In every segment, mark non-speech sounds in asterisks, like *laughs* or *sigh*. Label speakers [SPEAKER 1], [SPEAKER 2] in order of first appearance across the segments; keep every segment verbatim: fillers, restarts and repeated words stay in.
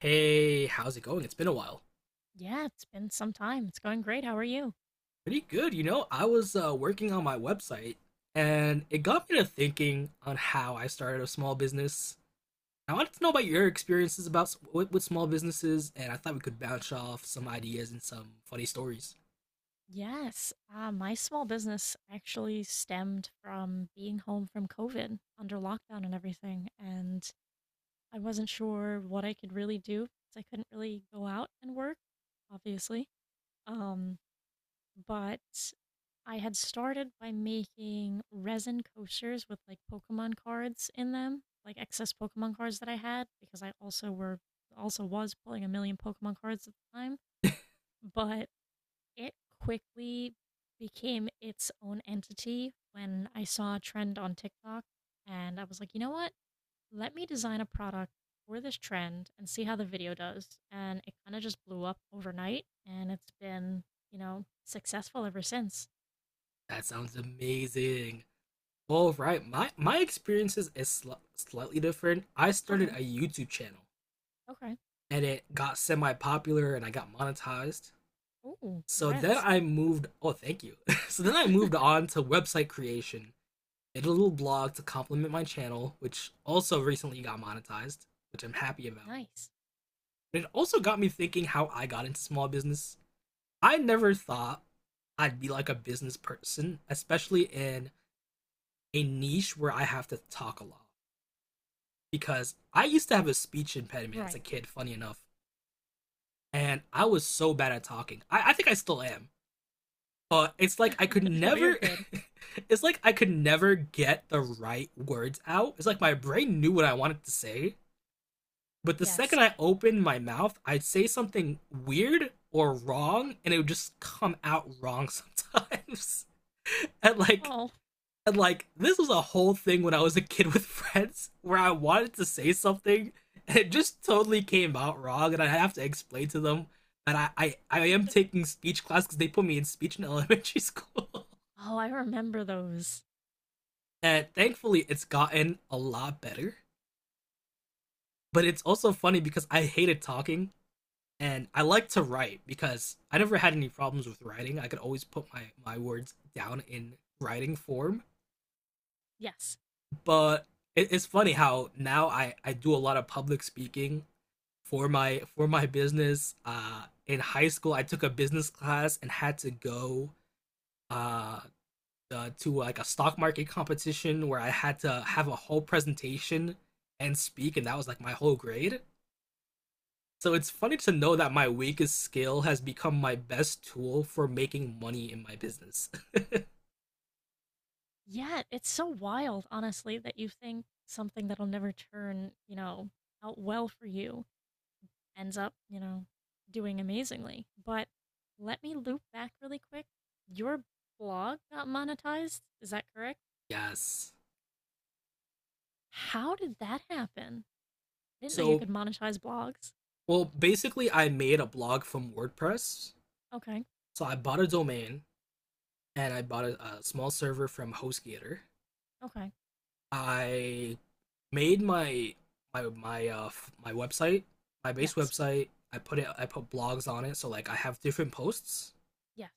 [SPEAKER 1] Hey, how's it going? It's been a while.
[SPEAKER 2] Yeah, it's been some time. It's going great. How are you?
[SPEAKER 1] Pretty good, you know. I was uh, working on my website and it got me to thinking on how I started a small business. I wanted to know about your experiences about s- with, with small businesses and I thought we could bounce off some ideas and some funny stories.
[SPEAKER 2] Yes, uh, my small business actually stemmed from being home from COVID under lockdown and everything. And I wasn't sure what I could really do because I couldn't really go out and work, obviously. Um, but I had started by making resin coasters with like Pokemon cards in them, like excess Pokemon cards that I had because I also were also was pulling a million Pokemon cards at the time. But it quickly became its own entity when I saw a trend on TikTok and I was like, you know what? Let me design a product for this trend and see how the video does. And it kind of just blew up overnight, and it's been, you know, successful ever since.
[SPEAKER 1] That sounds amazing. All right, my my experiences is sl- slightly different. I started
[SPEAKER 2] Okay.
[SPEAKER 1] a YouTube channel
[SPEAKER 2] Okay.
[SPEAKER 1] and it got semi-popular and I got monetized.
[SPEAKER 2] Ooh,
[SPEAKER 1] So then
[SPEAKER 2] congrats.
[SPEAKER 1] I moved. Oh, thank you. *laughs* so then I moved
[SPEAKER 2] *laughs*
[SPEAKER 1] on to website creation. Did a little blog to complement my channel, which also recently got monetized, which I'm happy about.
[SPEAKER 2] Nice.
[SPEAKER 1] But it also got me thinking how I got into small business. I never thought I'd be like a business person, especially in a niche where I have to talk a lot. Because I used to have a speech impediment as
[SPEAKER 2] Right.
[SPEAKER 1] a kid, funny enough, and I was so bad at talking. I, I think I still am. Uh, it's like I could
[SPEAKER 2] *laughs* No, you're
[SPEAKER 1] never.
[SPEAKER 2] good.
[SPEAKER 1] *laughs* it's like I could never get the right words out. It's like my brain knew what I wanted to say, but the second
[SPEAKER 2] Yes.
[SPEAKER 1] I opened my mouth, I'd say something weird or wrong, and it would just come out wrong sometimes. *laughs* and like,
[SPEAKER 2] Oh.
[SPEAKER 1] and like, this was a whole thing when I was a kid with *laughs* friends where I wanted to say something, and it just totally came out wrong, and I have to explain to them. that I, I, I am
[SPEAKER 2] *laughs*
[SPEAKER 1] taking speech class because they put me in speech in elementary school. *laughs*
[SPEAKER 2] Oh, I remember those.
[SPEAKER 1] And thankfully, it's gotten a lot better. But it's also funny because I hated talking and I like to write because I never had any problems with writing. I could always put my, my words down in writing form.
[SPEAKER 2] Yes.
[SPEAKER 1] But it, it's funny how now I, I do a lot of public speaking for my for my business. Uh, in high school, I took a business class and had to go uh, uh, to like a stock market competition where I had to have a whole presentation and speak, and that was like my whole grade. So it's funny to know that my weakest skill has become my best tool for making money in my business.
[SPEAKER 2] Yeah, it's so wild, honestly, that you think something that'll never turn, you know, out well for you ends up, you know, doing amazingly. But let me loop back really quick. Your blog got monetized, is that correct?
[SPEAKER 1] *laughs* yes.
[SPEAKER 2] How did that happen? I didn't know you
[SPEAKER 1] So,
[SPEAKER 2] could monetize blogs.
[SPEAKER 1] well, basically, I made a blog from WordPress.
[SPEAKER 2] Okay,
[SPEAKER 1] So I bought a domain and I bought a, a small server from HostGator.
[SPEAKER 2] okay.
[SPEAKER 1] I made my my my uh my website, my base
[SPEAKER 2] Yes,
[SPEAKER 1] website. I put it. I put blogs on it, so like I have different posts.
[SPEAKER 2] yes.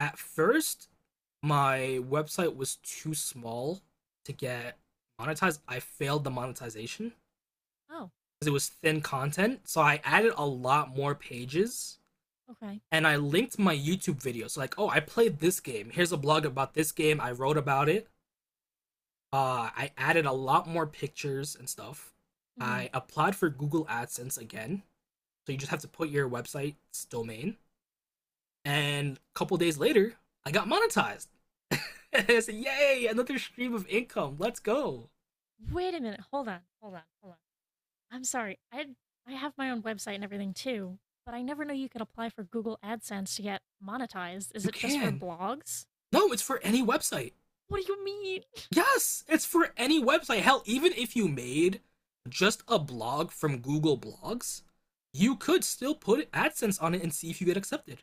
[SPEAKER 1] At first, my website was too small to get monetized. I failed the monetization
[SPEAKER 2] Oh,
[SPEAKER 1] because it was thin content. So I added a lot more pages
[SPEAKER 2] okay.
[SPEAKER 1] and I linked my YouTube videos. So like, oh, I played this game. Here's a blog about this game. I wrote about it. Uh, I added a lot more pictures and stuff.
[SPEAKER 2] Hmm.
[SPEAKER 1] I applied for Google AdSense again. So you just have to put your website's domain. And a couple days later, I got monetized. *laughs* and I said, "Yay, another stream of income. Let's go."
[SPEAKER 2] Wait a minute. Hold on, hold on, hold on. I'm sorry. I I have my own website and everything too, but I never knew you could apply for Google AdSense to get monetized. Is
[SPEAKER 1] You
[SPEAKER 2] it just for
[SPEAKER 1] can.
[SPEAKER 2] blogs?
[SPEAKER 1] No, it's for any website.
[SPEAKER 2] What do you mean?
[SPEAKER 1] Yes, it's for any website. Hell, even if you made just a blog from Google Blogs, you could still put AdSense on it and see if you get accepted.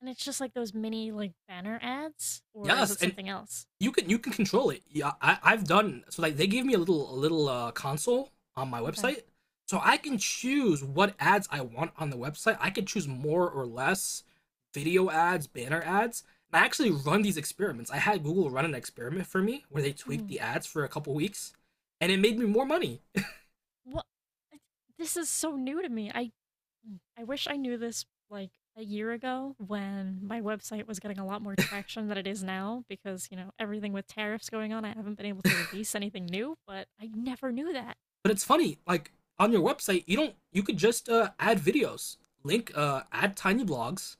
[SPEAKER 2] And it's just like those mini like banner ads, or is
[SPEAKER 1] Yes,
[SPEAKER 2] it
[SPEAKER 1] and
[SPEAKER 2] something else?
[SPEAKER 1] you can you can control it. Yeah, I, I've done so like they gave me a little a little uh, console on my
[SPEAKER 2] Okay.
[SPEAKER 1] website, so I can choose what ads I want on the website. I can choose more or less video ads, banner ads. And I actually run these experiments. I had Google run an experiment for me where they tweaked
[SPEAKER 2] Hmm.
[SPEAKER 1] the ads for a couple weeks, and it made me more money.
[SPEAKER 2] What? This is so new to me. I I wish I knew this like a year ago when my website was getting a lot more traction than it is now, because you know everything with tariffs going on, I haven't been able to release anything new. But I never knew that.
[SPEAKER 1] But it's funny, like on your website, you don't you could just uh, add videos, link uh, add tiny blogs,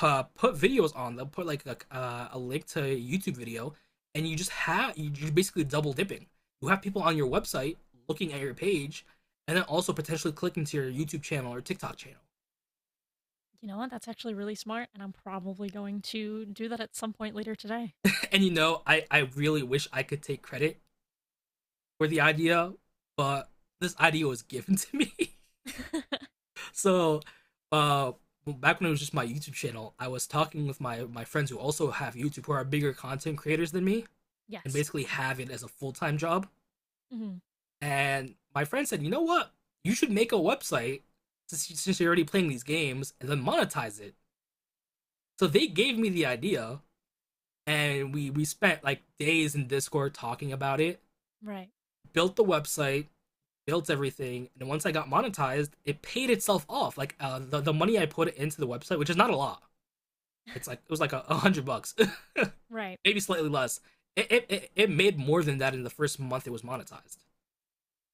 [SPEAKER 1] uh, put videos on. They'll put like a, uh, a link to a YouTube video, and you just have you're basically double dipping. You have people on your website looking at your page, and then also potentially clicking to your YouTube channel or TikTok channel. *laughs*
[SPEAKER 2] You know what? That's actually really smart, and I'm probably going to do that at some point later today.
[SPEAKER 1] And you know, I I really wish I could take credit for the idea, but this idea was given to me.
[SPEAKER 2] *laughs*
[SPEAKER 1] *laughs* so, uh, back when it was just my YouTube channel, I was talking with my my friends who also have YouTube, who are bigger content creators than me, and
[SPEAKER 2] Yes.
[SPEAKER 1] basically have it as a full time job.
[SPEAKER 2] Hmm.
[SPEAKER 1] And my friend said, "You know what? You should make a website since you're already playing these games and then monetize it." So they gave me the idea, and we we spent like days in Discord talking about it.
[SPEAKER 2] Right.
[SPEAKER 1] Built the website, built everything, and once I got monetized, it paid itself off. Like uh, the the money I put into the website, which is not a lot. It's like it was like a, a hundred bucks,
[SPEAKER 2] Right.
[SPEAKER 1] *laughs* maybe slightly less. it it it made more than that in the first month it was monetized.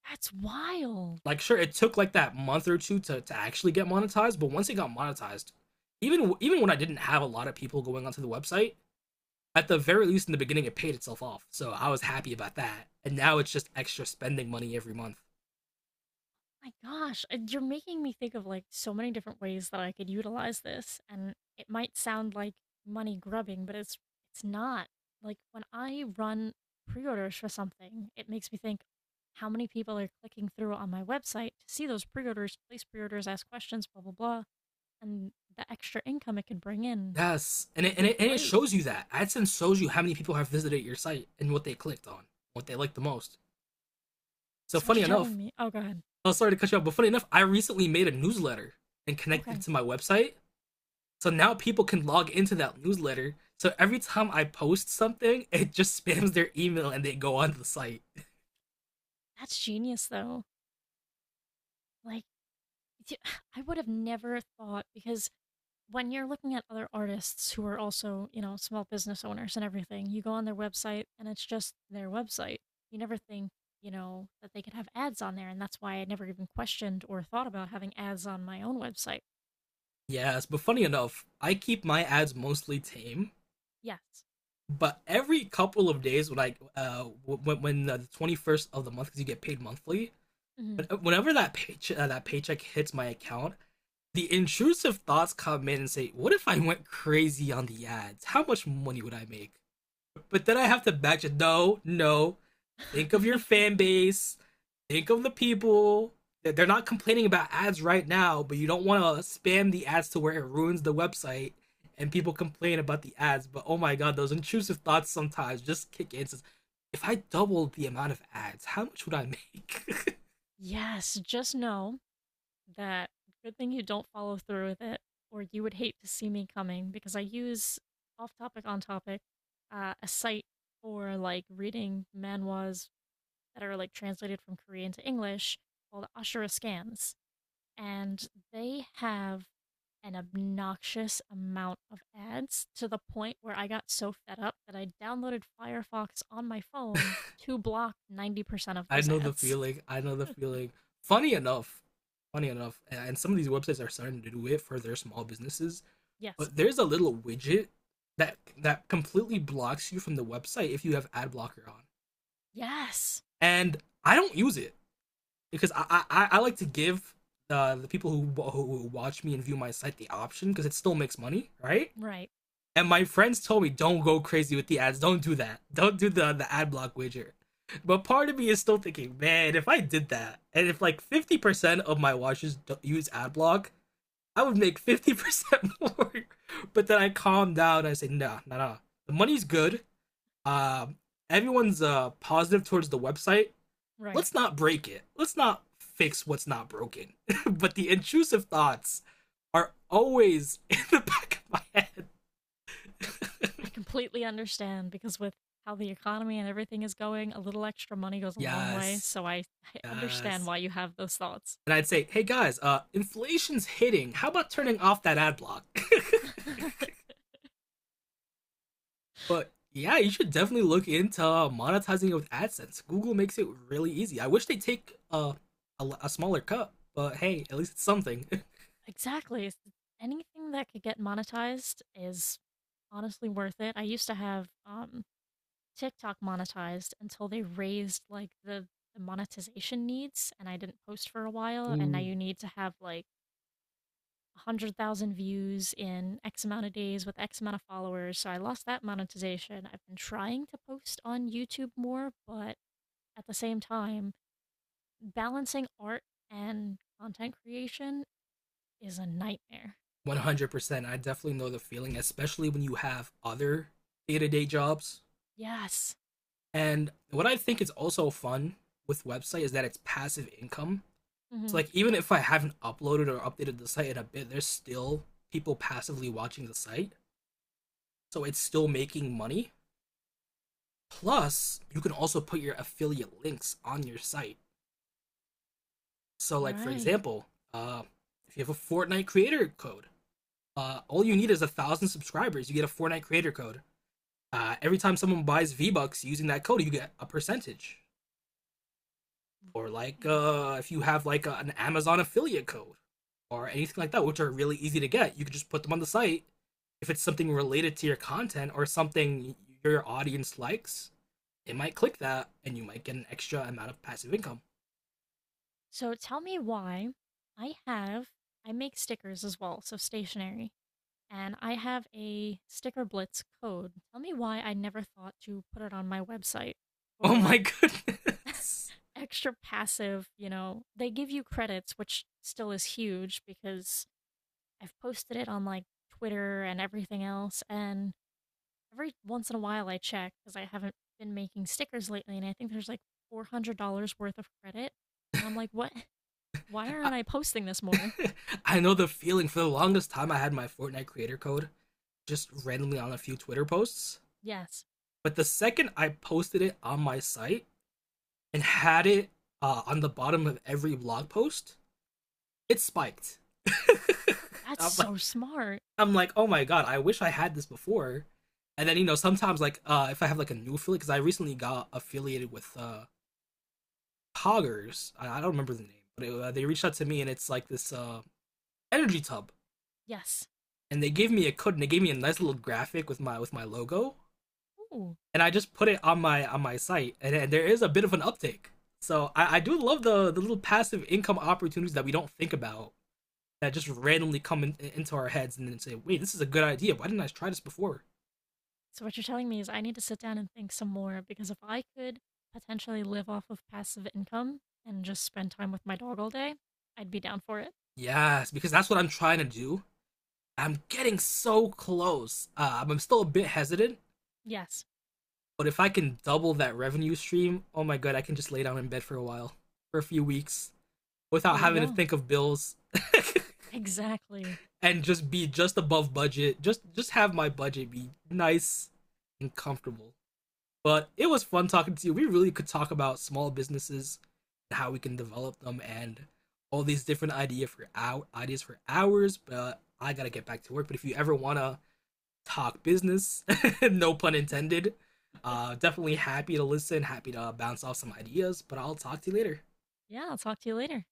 [SPEAKER 2] That's wild.
[SPEAKER 1] Like, sure, it took like that month or two to, to actually get monetized, but once it got monetized, even even when I didn't have a lot of people going onto the website, at the very least in the beginning, it paid itself off. So I was happy about that. And now it's just extra spending money every month.
[SPEAKER 2] My gosh. Uh, You're making me think of like so many different ways that I could utilize this, and it might sound like money grubbing, but it's it's not. Like when I run pre-orders for something, it makes me think how many people are clicking through on my website to see those pre-orders, place pre-orders, ask questions, blah blah blah, and the extra income it could bring in
[SPEAKER 1] Yes, and it,
[SPEAKER 2] would
[SPEAKER 1] and
[SPEAKER 2] be
[SPEAKER 1] it, and it
[SPEAKER 2] great.
[SPEAKER 1] shows you that AdSense shows you how many people have visited your site and what they clicked on, what they liked the most. So
[SPEAKER 2] So what
[SPEAKER 1] funny
[SPEAKER 2] you're
[SPEAKER 1] enough,
[SPEAKER 2] telling me? Oh, go ahead.
[SPEAKER 1] oh sorry to cut you off, but funny enough, I recently made a newsletter and connected it
[SPEAKER 2] Okay,
[SPEAKER 1] to my website. So now people can log into that newsletter. So every time I post something, *laughs* it just spams their email and they go onto the site.
[SPEAKER 2] that's genius, though. Like, *sighs* I would have never thought, because when you're looking at other artists who are also, you know, small business owners and everything, you go on their website and it's just their website. You never think, you know, that they could have ads on there, and that's why I never even questioned or thought about having ads on my own website.
[SPEAKER 1] Yes, but funny enough, I keep my ads mostly tame.
[SPEAKER 2] Yes.
[SPEAKER 1] But every couple of days, when I uh when, when uh, the twenty first of the month, because you get paid monthly,
[SPEAKER 2] Mhm.
[SPEAKER 1] but whenever that payche- uh, that paycheck hits my account, the intrusive thoughts come in and say, "What if I went crazy on the ads? How much money would I make?" But then I have to match it. No, no. Think of your fan
[SPEAKER 2] *laughs*
[SPEAKER 1] base. Think of the people that they're not complaining about ads right now, but you don't want to spam the ads to where it ruins the website and people complain about the ads. But oh my god, those intrusive thoughts sometimes just kick in. Says, if I doubled the amount of ads, how much would I make?
[SPEAKER 2] Yes. Just know that good thing you don't follow through with it, or you would hate to see me coming, because I use, off topic, on topic, uh, a site for like reading manhwas that are like translated from Korean to English called Ashura Scans, and they have an obnoxious amount of ads to the point where I got so fed up that I downloaded Firefox on my phone to block ninety percent of
[SPEAKER 1] *laughs* I
[SPEAKER 2] those
[SPEAKER 1] know the
[SPEAKER 2] ads. *laughs*
[SPEAKER 1] feeling. I know the feeling. Funny enough, funny enough, and some of these websites are starting to do it for their small businesses,
[SPEAKER 2] Yes.
[SPEAKER 1] but there's a little widget that that completely blocks you from the website if you have ad blocker on.
[SPEAKER 2] Yes.
[SPEAKER 1] And I don't use it because I I, I like to give uh, the people who who watch me and view my site the option because it still makes money, right?
[SPEAKER 2] Right.
[SPEAKER 1] And my friends told me don't go crazy with the ads, don't do that, don't do the the ad block widget. But part of me is still thinking, man, if I did that, and if like fifty percent of my watchers use ad block, I would make fifty percent more. *laughs* But then I calmed down. I said, nah, nah, nah. The money's good. Um, everyone's uh, positive towards the website.
[SPEAKER 2] Right.
[SPEAKER 1] Let's not break it. Let's not fix what's not broken. *laughs* but the intrusive thoughts are always *laughs* in the back of my
[SPEAKER 2] I, I
[SPEAKER 1] head.
[SPEAKER 2] completely understand, because with how the economy and everything is going, a little extra money goes
[SPEAKER 1] *laughs*
[SPEAKER 2] a long way.
[SPEAKER 1] yes,
[SPEAKER 2] So I, I understand
[SPEAKER 1] yes.
[SPEAKER 2] why you have those thoughts.
[SPEAKER 1] And I'd say, "Hey guys, uh, inflation's hitting. How about turning off that ad block?" *laughs*
[SPEAKER 2] *laughs*
[SPEAKER 1] But yeah, you should definitely look into uh, monetizing it with AdSense. Google makes it really easy. I wish they take a a a smaller cut, but hey, at least it's something. *laughs*
[SPEAKER 2] Exactly. Anything that could get monetized is honestly worth it. I used to have um, TikTok monetized until they raised like the monetization needs, and I didn't post for a while. And now
[SPEAKER 1] Ooh,
[SPEAKER 2] you need to have like one hundred thousand views in X amount of days with X amount of followers. So I lost that monetization. I've been trying to post on YouTube more, but at the same time, balancing art and content creation is a nightmare.
[SPEAKER 1] one hundred percent. I definitely know the feeling, especially when you have other day-to-day jobs.
[SPEAKER 2] Yes.
[SPEAKER 1] And what I think is also fun with website is that it's passive income.
[SPEAKER 2] Hmm.
[SPEAKER 1] So like even if I haven't uploaded or updated the site in a bit, there's still people passively watching the site. So it's still making money Plus, you can also put your affiliate links on your site. So, like for
[SPEAKER 2] Right.
[SPEAKER 1] example, uh, if you have a Fortnite creator code, uh, all you need is a thousand subscribers. You get a Fortnite creator code. Uh, every time someone buys V Bucks using that code, you get a percentage. Or like
[SPEAKER 2] Right.
[SPEAKER 1] uh, if you have like a, an Amazon affiliate code or anything like that, which are really easy to get, you can just put them on the site. If it's something related to your content or something your audience likes, it might click that, and you might get an extra amount of passive income.
[SPEAKER 2] So tell me why I have, I make stickers as well, so stationery, and I have a Sticker Blitz code. Tell me why I never thought to put it on my website,
[SPEAKER 1] Oh
[SPEAKER 2] or
[SPEAKER 1] my
[SPEAKER 2] like
[SPEAKER 1] goodness.
[SPEAKER 2] extra passive, you know, they give you credits, which still is huge, because I've posted it on like Twitter and everything else. And every once in a while I check because I haven't been making stickers lately. And I think there's like four hundred dollars worth of credit. And I'm like, what? Why
[SPEAKER 1] I,
[SPEAKER 2] aren't I posting this more?
[SPEAKER 1] *laughs* I know the feeling. For the longest time, I had my Fortnite creator code just randomly on a few Twitter posts.
[SPEAKER 2] Yes.
[SPEAKER 1] But the second I posted it on my site and had it uh, on the bottom of every blog post, it spiked. *laughs*
[SPEAKER 2] That's
[SPEAKER 1] I'm
[SPEAKER 2] so
[SPEAKER 1] like,
[SPEAKER 2] smart.
[SPEAKER 1] I'm like, oh my god, I wish I had this before. And then you know, sometimes like uh, if I have like a new affiliate, because I recently got affiliated with uh, Poggers. I, I don't remember the name, but it, uh, they reached out to me, and it's like this uh, energy tub
[SPEAKER 2] Yes.
[SPEAKER 1] and they gave me a code and they gave me a nice little graphic with my with my logo
[SPEAKER 2] Ooh.
[SPEAKER 1] and I just put it on my on my site and, and there is a bit of an uptick. So I, I do love the the little passive income opportunities that we don't think about that just randomly come in, into our heads and then say, wait, this is a good idea. Why didn't I try this before?
[SPEAKER 2] So what you're telling me is I need to sit down and think some more, because if I could potentially live off of passive income and just spend time with my dog all day, I'd be down for it.
[SPEAKER 1] Yes, because that's what I'm trying to do. I'm getting so close. Uh, I'm- I'm still a bit hesitant,
[SPEAKER 2] Yes.
[SPEAKER 1] but if I can double that revenue stream, oh my god, I can just lay down in bed for a while, for a few weeks, without
[SPEAKER 2] There you
[SPEAKER 1] having to
[SPEAKER 2] go.
[SPEAKER 1] think of bills. *laughs*
[SPEAKER 2] Exactly.
[SPEAKER 1] and just be just above budget. Just just have my budget be nice and comfortable. But it was fun talking to you. We really could talk about small businesses and how we can develop them and all these different idea for hour, ideas for hours, but I gotta get back to work. But if you ever wanna talk business, *laughs* no pun intended, uh, definitely happy to listen, happy to bounce off some ideas. But I'll talk to you later.
[SPEAKER 2] Yeah, I'll talk to you later.